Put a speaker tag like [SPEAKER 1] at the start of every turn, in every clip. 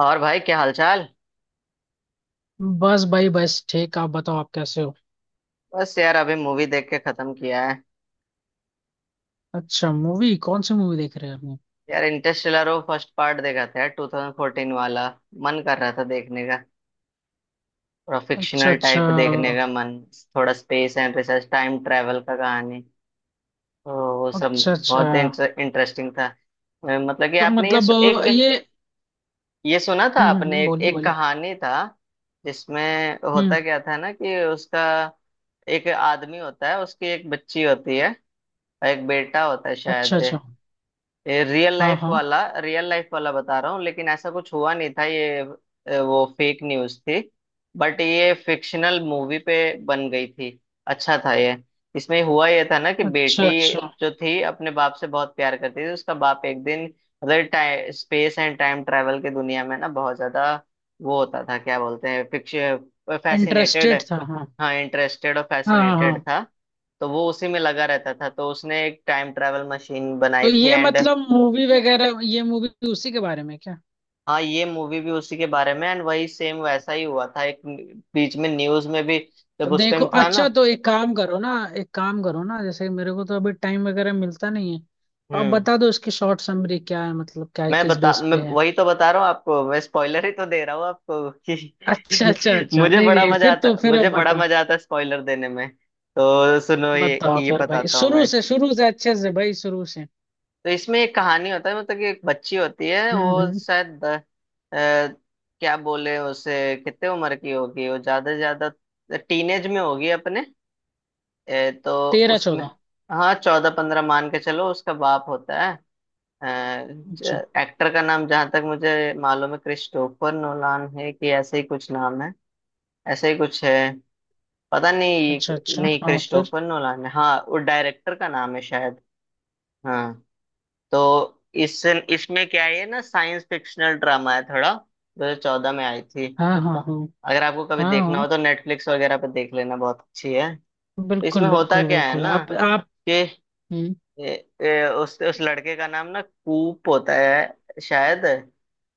[SPEAKER 1] और भाई, क्या हालचाल?
[SPEAKER 2] बस भाई, बस ठीक। आप बताओ, आप कैसे हो।
[SPEAKER 1] बस यार अभी मूवी देख के खत्म किया है।
[SPEAKER 2] अच्छा, मूवी कौन सी मूवी देख रहे हैं आपने।
[SPEAKER 1] यार इंटरस्टेलर, वो फर्स्ट पार्ट देखा था यार, 2014 वाला। मन कर रहा था देखने का। थोड़ा
[SPEAKER 2] अच्छा,
[SPEAKER 1] फिक्शनल
[SPEAKER 2] अच्छा।
[SPEAKER 1] टाइप देखने का मन। थोड़ा space and research time travel का कहानी। तो वो सब
[SPEAKER 2] अच्छा, अच्छा।
[SPEAKER 1] बहुत इंटरेस्टिंग था। मतलब कि
[SPEAKER 2] तो
[SPEAKER 1] आपने
[SPEAKER 2] मतलब
[SPEAKER 1] एक,
[SPEAKER 2] ये।
[SPEAKER 1] ये सुना था
[SPEAKER 2] हम्म, हम्म,
[SPEAKER 1] आपने, एक,
[SPEAKER 2] बोलिए
[SPEAKER 1] एक
[SPEAKER 2] बोलिए।
[SPEAKER 1] कहानी था जिसमें
[SPEAKER 2] हम्म।
[SPEAKER 1] होता क्या था ना कि उसका एक आदमी होता है, उसकी एक बच्ची होती है और एक बेटा होता है
[SPEAKER 2] अच्छा,
[SPEAKER 1] शायद।
[SPEAKER 2] अच्छा।
[SPEAKER 1] ये रियल
[SPEAKER 2] हाँ,
[SPEAKER 1] लाइफ
[SPEAKER 2] हाँ।
[SPEAKER 1] वाला रियल लाइफ वाला बता रहा हूँ, लेकिन ऐसा कुछ हुआ नहीं था ये। वो फेक न्यूज़ थी। बट ये फिक्शनल मूवी पे बन गई थी। अच्छा था ये। इसमें हुआ ये था ना कि बेटी
[SPEAKER 2] अच्छा, अच्छा।
[SPEAKER 1] जो थी अपने बाप से बहुत प्यार करती थी, उसका बाप एक दिन, मतलब स्पेस एंड टाइम ट्रैवल की दुनिया में ना, बहुत ज्यादा वो होता था, क्या बोलते हैं, फिक्शन फैसिनेटेड।
[SPEAKER 2] इंटरेस्टेड था, हाँ,
[SPEAKER 1] हाँ, इंटरेस्टेड और
[SPEAKER 2] हाँ, हाँ,
[SPEAKER 1] फैसिनेटेड
[SPEAKER 2] हाँ।
[SPEAKER 1] था। तो वो उसी में लगा रहता था, तो उसने एक टाइम ट्रैवल मशीन
[SPEAKER 2] तो
[SPEAKER 1] बनाई थी
[SPEAKER 2] ये
[SPEAKER 1] एंड।
[SPEAKER 2] मतलब मूवी वगैरह, ये मूवी उसी के बारे में क्या।
[SPEAKER 1] हाँ, ये मूवी भी उसी के बारे में एंड वही सेम वैसा ही हुआ था एक, बीच में न्यूज में भी,
[SPEAKER 2] तो
[SPEAKER 1] जब उस
[SPEAKER 2] देखो,
[SPEAKER 1] टाइम था ना।
[SPEAKER 2] अच्छा, तो एक काम करो ना। एक काम करो ना, जैसे मेरे को तो अभी टाइम वगैरह मिलता नहीं है, तो आप
[SPEAKER 1] हम्म
[SPEAKER 2] बता दो इसकी शॉर्ट समरी क्या है, मतलब क्या है,
[SPEAKER 1] मैं
[SPEAKER 2] किस
[SPEAKER 1] बता,
[SPEAKER 2] बेस
[SPEAKER 1] मैं
[SPEAKER 2] पे है।
[SPEAKER 1] वही तो बता रहा हूँ आपको, मैं स्पॉइलर ही तो दे रहा हूँ आपको
[SPEAKER 2] अच्छा, अच्छा,
[SPEAKER 1] कि
[SPEAKER 2] अच्छा।
[SPEAKER 1] मुझे
[SPEAKER 2] नहीं,
[SPEAKER 1] बड़ा
[SPEAKER 2] नहीं,
[SPEAKER 1] मजा
[SPEAKER 2] फिर तो
[SPEAKER 1] आता
[SPEAKER 2] फिर अब
[SPEAKER 1] मुझे बड़ा
[SPEAKER 2] बताओ।
[SPEAKER 1] मजा आता है स्पॉइलर देने में। तो सुनो, ये
[SPEAKER 2] बताओ
[SPEAKER 1] ये
[SPEAKER 2] फिर भाई,
[SPEAKER 1] बताता हूँ
[SPEAKER 2] शुरू
[SPEAKER 1] मैं।
[SPEAKER 2] से, शुरू से अच्छे से भाई, शुरू से।
[SPEAKER 1] तो इसमें एक कहानी होता है, मतलब कि एक बच्ची होती है,
[SPEAKER 2] हम्म,
[SPEAKER 1] वो
[SPEAKER 2] हम्म।
[SPEAKER 1] शायद क्या बोले उसे, कितने उम्र की होगी वो? ज्यादा से ज्यादा टीनेज में होगी अपने। तो
[SPEAKER 2] तेरह
[SPEAKER 1] उसमें,
[SPEAKER 2] चौदह।
[SPEAKER 1] हाँ, 14-15 मान के चलो, उसका बाप होता है।
[SPEAKER 2] अच्छा।
[SPEAKER 1] एक्टर का नाम, जहां तक मुझे मालूम है, क्रिस्टोफर नोलान है कि ऐसे ही कुछ नाम है, ऐसे ही कुछ है, पता नहीं।
[SPEAKER 2] अच्छा, अच्छा,
[SPEAKER 1] नहीं,
[SPEAKER 2] हाँ, फिर।
[SPEAKER 1] क्रिस्टोफर नोलान है, हाँ, वो डायरेक्टर का नाम है शायद। हाँ। तो इस इसमें क्या है, ये ना साइंस फिक्शनल ड्रामा है थोड़ा, 2014 में आई थी।
[SPEAKER 2] हाँ, हाँ, हाँ।
[SPEAKER 1] अगर आपको कभी
[SPEAKER 2] हाँ,
[SPEAKER 1] देखना हो
[SPEAKER 2] हाँ,
[SPEAKER 1] तो नेटफ्लिक्स वगैरह पे देख लेना, बहुत अच्छी है। तो इसमें
[SPEAKER 2] बिल्कुल,
[SPEAKER 1] होता
[SPEAKER 2] बिल्कुल,
[SPEAKER 1] क्या है
[SPEAKER 2] बिल्कुल,
[SPEAKER 1] ना
[SPEAKER 2] आप।
[SPEAKER 1] कि
[SPEAKER 2] हम्म।
[SPEAKER 1] ए, ए, उस लड़के का नाम ना कूप होता है शायद,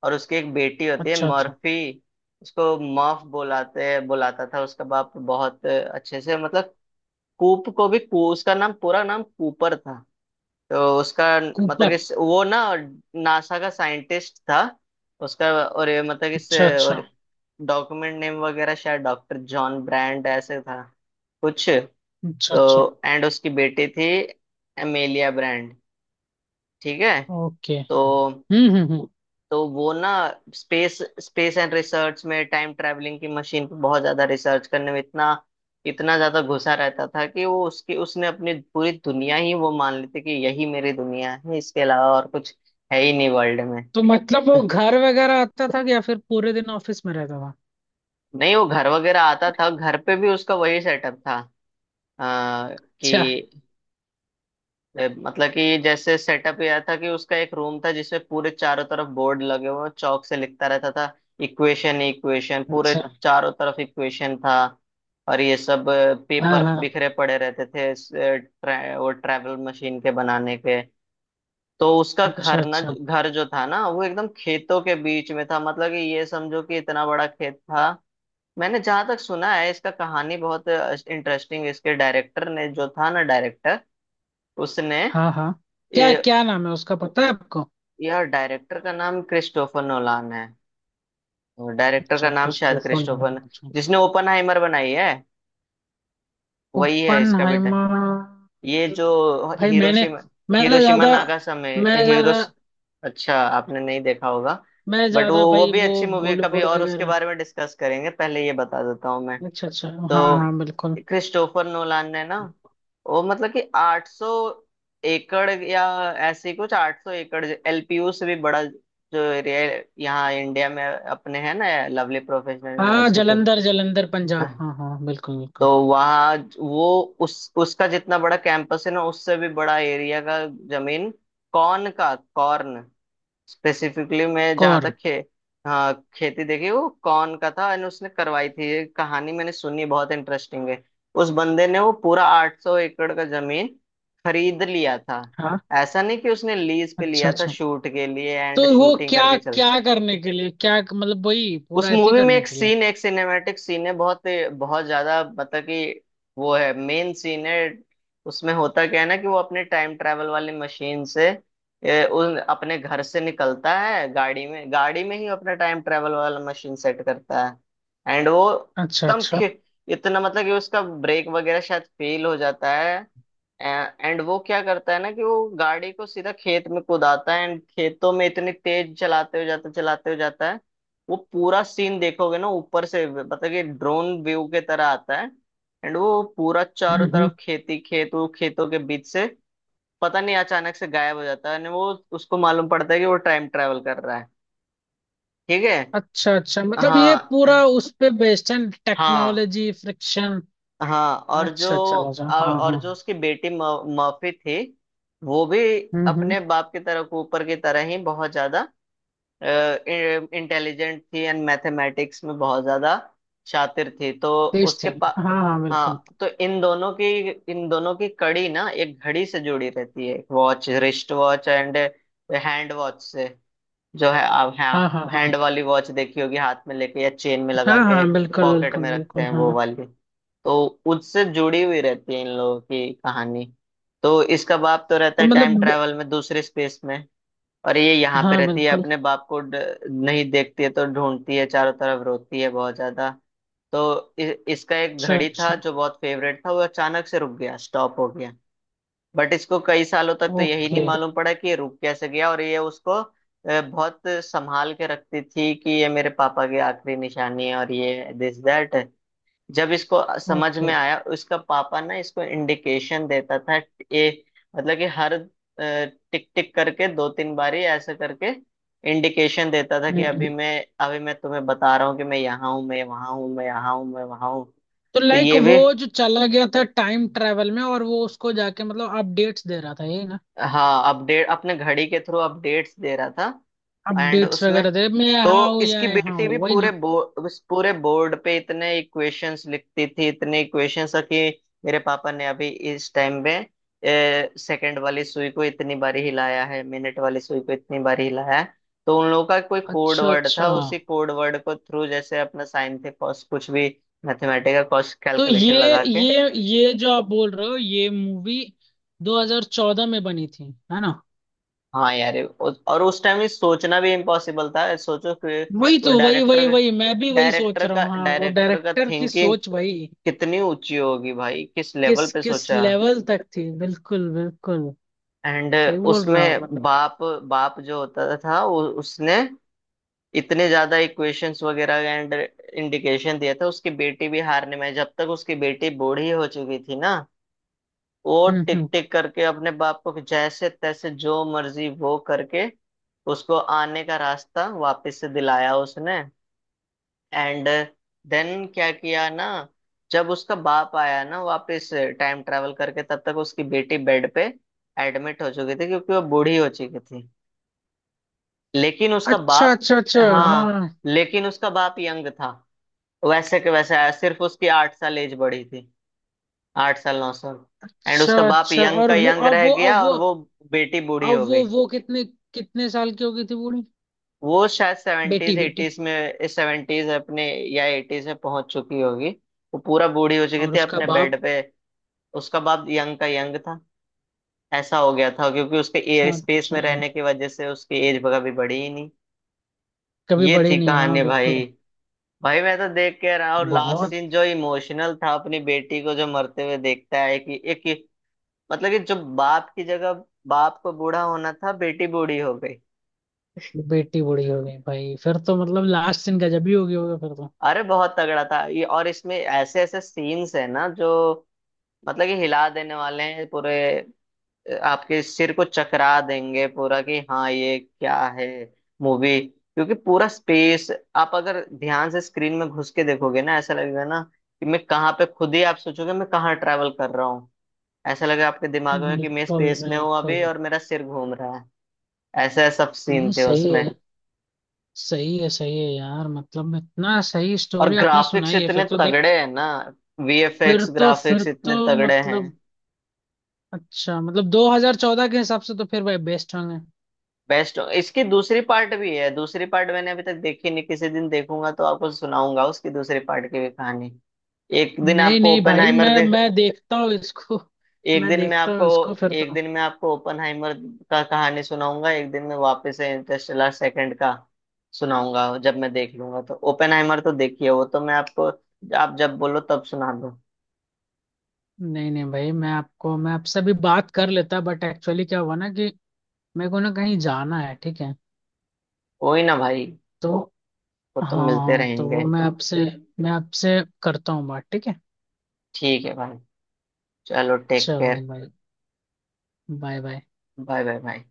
[SPEAKER 1] और उसकी एक बेटी होती है
[SPEAKER 2] अच्छा, अच्छा।
[SPEAKER 1] मर्फी। उसको मर्फ बुलाते बुलाता था उसका बाप, बहुत अच्छे से, मतलब। कूप को भी उसका नाम पूरा नाम कूपर था। तो उसका मतलब कि
[SPEAKER 2] कूपर।
[SPEAKER 1] वो ना नासा का साइंटिस्ट था उसका, और ये मतलब कि इस,
[SPEAKER 2] अच्छा, अच्छा।
[SPEAKER 1] और, डॉक्यूमेंट नेम वगैरह शायद डॉक्टर जॉन ब्रांड ऐसे था कुछ।
[SPEAKER 2] अच्छा, अच्छा।
[SPEAKER 1] तो एंड उसकी बेटी थी एमेलिया ब्रांड। ठीक है?
[SPEAKER 2] ओके।
[SPEAKER 1] तो
[SPEAKER 2] हम्म, हम्म, हम्म।
[SPEAKER 1] तो वो ना स्पेस स्पेस एंड रिसर्च में टाइम ट्रैवलिंग की मशीन पे बहुत ज्यादा रिसर्च करने में इतना, इतना ज्यादा घुसा रहता था कि वो उसकी, उसने अपनी पूरी दुनिया ही वो मान लेते कि यही मेरी दुनिया है, इसके अलावा और कुछ है ही नहीं वर्ल्ड में।
[SPEAKER 2] तो मतलब वो घर वगैरह आता था कि या फिर पूरे दिन ऑफिस में रहता था।
[SPEAKER 1] नहीं, वो घर वगैरह आता था, घर पे भी उसका वही सेटअप था। आ,
[SPEAKER 2] अच्छा।
[SPEAKER 1] कि मतलब कि जैसे सेटअप यह था कि उसका एक रूम था जिसमें पूरे चारों तरफ बोर्ड लगे हुए हैं, चौक से लिखता रहता था, इक्वेशन इक्वेशन पूरे
[SPEAKER 2] अच्छा
[SPEAKER 1] चारों तरफ इक्वेशन था, और ये सब
[SPEAKER 2] हाँ,
[SPEAKER 1] पेपर
[SPEAKER 2] हाँ।
[SPEAKER 1] बिखरे पड़े रहते थे वो ट्रैवल मशीन के बनाने के। तो उसका
[SPEAKER 2] अच्छा
[SPEAKER 1] घर ना,
[SPEAKER 2] अच्छा।
[SPEAKER 1] घर जो था ना, वो एकदम खेतों के बीच में था, मतलब कि ये समझो कि इतना बड़ा खेत था। मैंने जहां तक सुना है, इसका कहानी बहुत इंटरेस्टिंग, इसके डायरेक्टर ने जो था ना, डायरेक्टर उसने
[SPEAKER 2] हाँ, हाँ। क्या
[SPEAKER 1] ये,
[SPEAKER 2] क्या नाम है उसका, पता है आपको।
[SPEAKER 1] यार डायरेक्टर का नाम क्रिस्टोफर नोलान है, और डायरेक्टर का
[SPEAKER 2] अच्छा,
[SPEAKER 1] नाम शायद
[SPEAKER 2] क्रिस्टोफर
[SPEAKER 1] क्रिस्टोफर
[SPEAKER 2] नॉलन,
[SPEAKER 1] न-,
[SPEAKER 2] अच्छा।
[SPEAKER 1] जिसने ओपनहाइमर बनाई है वही है इसका बेटा,
[SPEAKER 2] ओपनहाइमर।
[SPEAKER 1] ये जो
[SPEAKER 2] भाई मैंने।
[SPEAKER 1] हिरोशिमा
[SPEAKER 2] मैंने
[SPEAKER 1] हिरोशिमा
[SPEAKER 2] ज्यादा। मैं
[SPEAKER 1] नागासाकी
[SPEAKER 2] ज्यादा।
[SPEAKER 1] हिरोश, अच्छा आपने नहीं देखा होगा,
[SPEAKER 2] मैं
[SPEAKER 1] बट वो
[SPEAKER 2] ज्यादा
[SPEAKER 1] वो
[SPEAKER 2] भाई
[SPEAKER 1] भी
[SPEAKER 2] वो।
[SPEAKER 1] अच्छी मूवी है, कभी
[SPEAKER 2] बॉलीवुड
[SPEAKER 1] और उसके
[SPEAKER 2] वगैरह।
[SPEAKER 1] बारे में डिस्कस करेंगे, पहले ये बता देता हूँ मैं।
[SPEAKER 2] अच्छा, अच्छा,
[SPEAKER 1] तो
[SPEAKER 2] हाँ, हाँ, बिल्कुल।
[SPEAKER 1] क्रिस्टोफर नोलान ने ना, वो मतलब कि 800 एकड़ या ऐसे ही कुछ, 800 एकड़ एलपीयू से भी बड़ा जो एरिया यहाँ इंडिया में अपने है ना, लवली प्रोफेशनल
[SPEAKER 2] हाँ,
[SPEAKER 1] यूनिवर्सिटी।
[SPEAKER 2] जलंधर जलंधर पंजाब, हाँ, हाँ, बिल्कुल,
[SPEAKER 1] तो
[SPEAKER 2] बिल्कुल।
[SPEAKER 1] वहाँ वो उस उसका जितना बड़ा कैंपस है ना, उससे भी बड़ा एरिया का जमीन, कॉर्न का कॉर्न स्पेसिफिकली, मैं जहाँ
[SPEAKER 2] कौर।
[SPEAKER 1] तक खे, हाँ, खेती देखी वो कौन का था एंड उसने करवाई थी, ये कहानी मैंने सुनी है, बहुत इंटरेस्टिंग है। उस बंदे ने वो पूरा 800 एकड़ का जमीन खरीद लिया था।
[SPEAKER 2] हाँ।
[SPEAKER 1] ऐसा नहीं कि उसने लीज पे
[SPEAKER 2] अच्छा,
[SPEAKER 1] लिया था
[SPEAKER 2] अच्छा।
[SPEAKER 1] शूट के लिए
[SPEAKER 2] तो
[SPEAKER 1] एंड
[SPEAKER 2] वो
[SPEAKER 1] शूटिंग
[SPEAKER 2] क्या।
[SPEAKER 1] करके चल।
[SPEAKER 2] क्या करने के लिए, क्या मतलब वही
[SPEAKER 1] उस
[SPEAKER 2] पूरा एथी
[SPEAKER 1] मूवी में
[SPEAKER 2] करने
[SPEAKER 1] एक
[SPEAKER 2] के लिए।
[SPEAKER 1] सीन, एक सिनेमैटिक सीन है बहुत, बहुत ज्यादा, मतलब कि वो है, मेन सीन है। उसमें होता क्या है ना कि वो अपने टाइम ट्रैवल वाली मशीन से, उन अपने घर से निकलता है गाड़ी में, गाड़ी में ही अपना टाइम ट्रैवल वाला मशीन सेट करता है एंड वो
[SPEAKER 2] अच्छा,
[SPEAKER 1] एकदम
[SPEAKER 2] अच्छा।
[SPEAKER 1] खे-, इतना मतलब कि उसका ब्रेक वगैरह शायद फेल हो जाता है एंड वो क्या करता है ना कि वो गाड़ी को सीधा खेत में कुदाता है एंड खेतों में इतनी तेज चलाते हो जाता है। वो पूरा सीन देखोगे ना ऊपर से, मतलब कि ड्रोन व्यू के तरह आता है एंड वो पूरा
[SPEAKER 2] हम्म,
[SPEAKER 1] चारों
[SPEAKER 2] हम्म।
[SPEAKER 1] तरफ खेती, खेत, वो खेतों के बीच से पता नहीं अचानक से गायब हो जाता है, and वो, उसको मालूम पड़ता है कि वो टाइम ट्रेवल कर रहा है। ठीक है।
[SPEAKER 2] अच्छा, अच्छा, मतलब ये पूरा
[SPEAKER 1] हाँ,
[SPEAKER 2] उस पे बेस्ड है।
[SPEAKER 1] हाँ,
[SPEAKER 2] टेक्नोलॉजी फ्रिक्शन।
[SPEAKER 1] हाँ, और जो
[SPEAKER 2] अच्छा, अच्छा, राजा,
[SPEAKER 1] और,
[SPEAKER 2] हाँ,
[SPEAKER 1] और
[SPEAKER 2] हाँ।
[SPEAKER 1] जो उसकी बेटी मर्फी थी, वो भी
[SPEAKER 2] हम्म,
[SPEAKER 1] अपने
[SPEAKER 2] हम्म।
[SPEAKER 1] बाप की तरह, ऊपर की तरह ही बहुत ज्यादा इंटेलिजेंट थी एंड मैथमेटिक्स में बहुत ज्यादा शातिर थी, तो
[SPEAKER 2] तेज थे।
[SPEAKER 1] उसके पा,
[SPEAKER 2] हाँ, हाँ, बिल्कुल।
[SPEAKER 1] हाँ। तो इन दोनों की कड़ी ना एक घड़ी से जुड़ी रहती है, एक watch, wrist watch and hand watch से, जो है, आप
[SPEAKER 2] हाँ,
[SPEAKER 1] हाँ,
[SPEAKER 2] हाँ,
[SPEAKER 1] हैंड
[SPEAKER 2] हाँ।
[SPEAKER 1] वाली वॉच देखी होगी हाथ में लेके या चेन में
[SPEAKER 2] हाँ,
[SPEAKER 1] लगा के
[SPEAKER 2] हाँ, बिल्कुल,
[SPEAKER 1] पॉकेट
[SPEAKER 2] बिल्कुल,
[SPEAKER 1] में रखते
[SPEAKER 2] बिल्कुल,
[SPEAKER 1] हैं वो
[SPEAKER 2] हाँ।
[SPEAKER 1] वाली। तो उससे जुड़ी हुई रहती है इन लोगों की कहानी। तो इसका बाप तो रहता
[SPEAKER 2] तो
[SPEAKER 1] है टाइम
[SPEAKER 2] मतलब।
[SPEAKER 1] ट्रैवल में, दूसरे स्पेस में, और ये यहाँ पे
[SPEAKER 2] हाँ,
[SPEAKER 1] रहती है
[SPEAKER 2] बिल्कुल।
[SPEAKER 1] अपने बाप को नहीं देखती है, तो ढूंढती है चारों तरफ, रोती है बहुत ज्यादा। तो इसका एक
[SPEAKER 2] अच्छा,
[SPEAKER 1] घड़ी था
[SPEAKER 2] अच्छा।
[SPEAKER 1] जो बहुत फेवरेट था, वो अचानक से रुक गया, स्टॉप हो गया। बट इसको कई सालों तक तो यही नहीं
[SPEAKER 2] ओके।
[SPEAKER 1] मालूम पड़ा कि ये रुक कैसे गया, और ये उसको बहुत संभाल के रखती थी कि ये मेरे पापा की आखिरी निशानी है, और ये दिस दैट। जब इसको समझ
[SPEAKER 2] ओके।
[SPEAKER 1] में आया, उसका पापा ना इसको इंडिकेशन देता था, ये मतलब कि हर टिक टिक करके, दो तीन बारी ऐसे करके इंडिकेशन देता था कि
[SPEAKER 2] हम्म,
[SPEAKER 1] अभी मैं तुम्हें बता रहा हूँ कि मैं यहाँ हूँ, मैं वहां हूँ, मैं यहाँ हूँ, मैं वहां हूँ।
[SPEAKER 2] तो
[SPEAKER 1] तो
[SPEAKER 2] लाइक
[SPEAKER 1] ये
[SPEAKER 2] वो
[SPEAKER 1] भी,
[SPEAKER 2] जो चला गया था टाइम ट्रेवल में, और वो उसको जाके मतलब अपडेट्स दे रहा था ये ना।
[SPEAKER 1] हाँ, अपडेट, अपने घड़ी के थ्रू अपडेट्स दे रहा था एंड
[SPEAKER 2] अपडेट्स
[SPEAKER 1] उसमें।
[SPEAKER 2] वगैरह दे, मैं यहाँ
[SPEAKER 1] तो
[SPEAKER 2] हूँ या
[SPEAKER 1] इसकी
[SPEAKER 2] यहाँ
[SPEAKER 1] बेटी भी
[SPEAKER 2] हूँ, वही
[SPEAKER 1] पूरे
[SPEAKER 2] ना।
[SPEAKER 1] बोर्ड, पूरे बोर्ड पे इतने इक्वेशंस लिखती थी, इतने इक्वेशंस कि मेरे पापा ने अभी इस टाइम में सेकंड वाली सुई को इतनी बारी हिलाया है, मिनट वाली सुई को इतनी बारी हिलाया है। तो उन लोगों का कोई कोड
[SPEAKER 2] अच्छा,
[SPEAKER 1] वर्ड
[SPEAKER 2] अच्छा,
[SPEAKER 1] था, उसी कोड वर्ड को थ्रू, जैसे अपना साइन थे cos कुछ भी, मैथमेटिकल कॉस्ट
[SPEAKER 2] तो
[SPEAKER 1] कैलकुलेशन
[SPEAKER 2] ये
[SPEAKER 1] लगा के।
[SPEAKER 2] ये ये जो आप बोल रहे हो, ये मूवी 2014 में बनी थी, है ना।
[SPEAKER 1] हाँ यार, और उस टाइम ये सोचना भी इम्पॉसिबल था, सोचो कि
[SPEAKER 2] वही
[SPEAKER 1] वो
[SPEAKER 2] तो वही वही
[SPEAKER 1] डायरेक्टर,
[SPEAKER 2] वही, मैं भी वही सोच
[SPEAKER 1] डायरेक्टर
[SPEAKER 2] रहा
[SPEAKER 1] का
[SPEAKER 2] हूँ, हाँ, वो
[SPEAKER 1] डायरेक्टर का
[SPEAKER 2] डायरेक्टर की
[SPEAKER 1] थिंकिंग
[SPEAKER 2] सोच वही।
[SPEAKER 1] कितनी ऊंची होगी भाई, किस लेवल
[SPEAKER 2] किस
[SPEAKER 1] पे
[SPEAKER 2] किस
[SPEAKER 1] सोचा।
[SPEAKER 2] लेवल तक थी, बिल्कुल, बिल्कुल।
[SPEAKER 1] एंड
[SPEAKER 2] सही बोल रहा हूँ
[SPEAKER 1] उसमें
[SPEAKER 2] मतलब।
[SPEAKER 1] बाप बाप जो होता था, वो उसने इतने ज्यादा इक्वेशंस वगैरह एंड इंडिकेशन दिया था, उसकी बेटी भी, हारने में, जब तक उसकी बेटी बूढ़ी हो चुकी थी ना, वो
[SPEAKER 2] हम्म,
[SPEAKER 1] टिक
[SPEAKER 2] हम्म।
[SPEAKER 1] टिक करके अपने बाप को जैसे तैसे जो मर्जी वो करके उसको आने का रास्ता वापस से दिलाया उसने। एंड देन क्या किया ना, जब उसका बाप आया ना वापस, टाइम ट्रैवल करके, तब तक उसकी बेटी बेड पे एडमिट हो चुकी थी, क्योंकि वो बूढ़ी हो चुकी थी, लेकिन उसका
[SPEAKER 2] अच्छा,
[SPEAKER 1] बाप,
[SPEAKER 2] अच्छा, अच्छा,
[SPEAKER 1] हाँ,
[SPEAKER 2] हाँ।
[SPEAKER 1] लेकिन उसका बाप यंग था, वैसे के वैसे आया, सिर्फ उसकी 8 साल एज बढ़ी थी, 8 साल 9 साल एंड
[SPEAKER 2] अच्छा,
[SPEAKER 1] उसका बाप
[SPEAKER 2] अच्छा,
[SPEAKER 1] यंग
[SPEAKER 2] और
[SPEAKER 1] का
[SPEAKER 2] वो
[SPEAKER 1] यंग
[SPEAKER 2] अब
[SPEAKER 1] रह
[SPEAKER 2] वो, अब
[SPEAKER 1] गया, और
[SPEAKER 2] वो
[SPEAKER 1] वो बेटी बूढ़ी
[SPEAKER 2] अब
[SPEAKER 1] हो
[SPEAKER 2] वो
[SPEAKER 1] गई।
[SPEAKER 2] वो कितने। कितने साल की हो गई थी बूढ़ी।
[SPEAKER 1] वो शायद
[SPEAKER 2] बेटी
[SPEAKER 1] सेवेंटीज,
[SPEAKER 2] बेटी।
[SPEAKER 1] एटीज में, सेवेंटीज अपने या एटीज में पहुंच चुकी होगी, वो पूरा बूढ़ी हो चुकी
[SPEAKER 2] और
[SPEAKER 1] थी
[SPEAKER 2] उसका
[SPEAKER 1] अपने
[SPEAKER 2] बाप।
[SPEAKER 1] बेड पे, उसका बाप यंग का यंग था। ऐसा हो गया था क्योंकि उसके एयर
[SPEAKER 2] अच्छा,
[SPEAKER 1] स्पेस
[SPEAKER 2] अच्छा,
[SPEAKER 1] में रहने की वजह से उसकी एज कभी बढ़ी ही नहीं।
[SPEAKER 2] कभी
[SPEAKER 1] ये
[SPEAKER 2] बड़ी
[SPEAKER 1] थी
[SPEAKER 2] नहीं, हाँ,
[SPEAKER 1] कहानी
[SPEAKER 2] बिल्कुल।
[SPEAKER 1] भाई। भाई मैं तो देख के रहा, और लास्ट
[SPEAKER 2] बहुत।
[SPEAKER 1] सीन जो इमोशनल था, अपनी बेटी को जो मरते हुए देखता है कि एक, मतलब कि जो बाप की जगह बाप को बूढ़ा होना था, बेटी बूढ़ी हो गई।
[SPEAKER 2] बेटी बूढ़ी हो गई भाई, फिर तो मतलब लास्ट सीन गजब ही हो गई होगा फिर तो।
[SPEAKER 1] अरे बहुत तगड़ा था ये, और इसमें ऐसे ऐसे सीन्स है ना जो, मतलब कि हिला देने वाले हैं पूरे, आपके सिर को चकरा देंगे पूरा कि हाँ ये क्या है मूवी, क्योंकि पूरा स्पेस, आप अगर ध्यान से स्क्रीन में घुस के देखोगे ना, ऐसा लगेगा ना कि मैं कहाँ पे, खुद ही आप सोचोगे मैं कहाँ ट्रैवल कर रहा हूँ, ऐसा लगेगा आपके दिमाग में कि मैं
[SPEAKER 2] बिल्कुल,
[SPEAKER 1] स्पेस में हूँ अभी
[SPEAKER 2] बिल्कुल।
[SPEAKER 1] और मेरा सिर घूम रहा है। ऐसे सब
[SPEAKER 2] नहीं,
[SPEAKER 1] सीन थे
[SPEAKER 2] सही
[SPEAKER 1] उसमें।
[SPEAKER 2] है। सही है, सही है यार, मतलब इतना सही
[SPEAKER 1] और
[SPEAKER 2] स्टोरी आपने
[SPEAKER 1] ग्राफिक्स
[SPEAKER 2] सुनाई है
[SPEAKER 1] इतने
[SPEAKER 2] फिर तो देख।
[SPEAKER 1] तगड़े हैं ना,
[SPEAKER 2] फिर
[SPEAKER 1] वीएफएक्स
[SPEAKER 2] तो फिर
[SPEAKER 1] ग्राफिक्स इतने
[SPEAKER 2] तो
[SPEAKER 1] तगड़े हैं।
[SPEAKER 2] मतलब। अच्छा, मतलब 2014 के हिसाब से तो फिर भाई बेस्ट होंगे।
[SPEAKER 1] बेस्ट, इसकी दूसरी पार्ट भी है, दूसरी पार्ट मैंने अभी तक देखी नहीं, किसी दिन देखूंगा तो आपको सुनाऊंगा उसकी दूसरी पार्ट की भी कहानी। एक दिन
[SPEAKER 2] नहीं,
[SPEAKER 1] आपको
[SPEAKER 2] नहीं भाई,
[SPEAKER 1] ओपेनहाइमर
[SPEAKER 2] मैं
[SPEAKER 1] देख,
[SPEAKER 2] मैं देखता हूँ इसको।
[SPEAKER 1] एक
[SPEAKER 2] मैं
[SPEAKER 1] दिन में
[SPEAKER 2] देखता
[SPEAKER 1] आपको,
[SPEAKER 2] हूँ इसको फिर
[SPEAKER 1] एक
[SPEAKER 2] तो।
[SPEAKER 1] दिन में आपको ओपेनहाइमर का कहानी सुनाऊंगा, एक दिन में वापस से इंटरस्टेलर सेकंड का सुनाऊंगा जब मैं देख लूंगा, तो ओपेनहाइमर तो देखिए, वो तो मैं आपको, आप जब बोलो तब सुना दो।
[SPEAKER 2] नहीं, नहीं भाई, मैं आपसे अभी बात कर लेता बट एक्चुअली क्या हुआ ना कि मेरे को ना कहीं जाना है, ठीक है।
[SPEAKER 1] कोई ना भाई,
[SPEAKER 2] तो
[SPEAKER 1] वो
[SPEAKER 2] हाँ,
[SPEAKER 1] तो मिलते
[SPEAKER 2] हाँ, तो
[SPEAKER 1] रहेंगे।
[SPEAKER 2] वो मैं आपसे। मैं आपसे करता हूँ बात, ठीक है।
[SPEAKER 1] ठीक है भाई। चलो टेक
[SPEAKER 2] चलो
[SPEAKER 1] केयर।
[SPEAKER 2] भाई। Bye, bye.
[SPEAKER 1] Bye bye bye.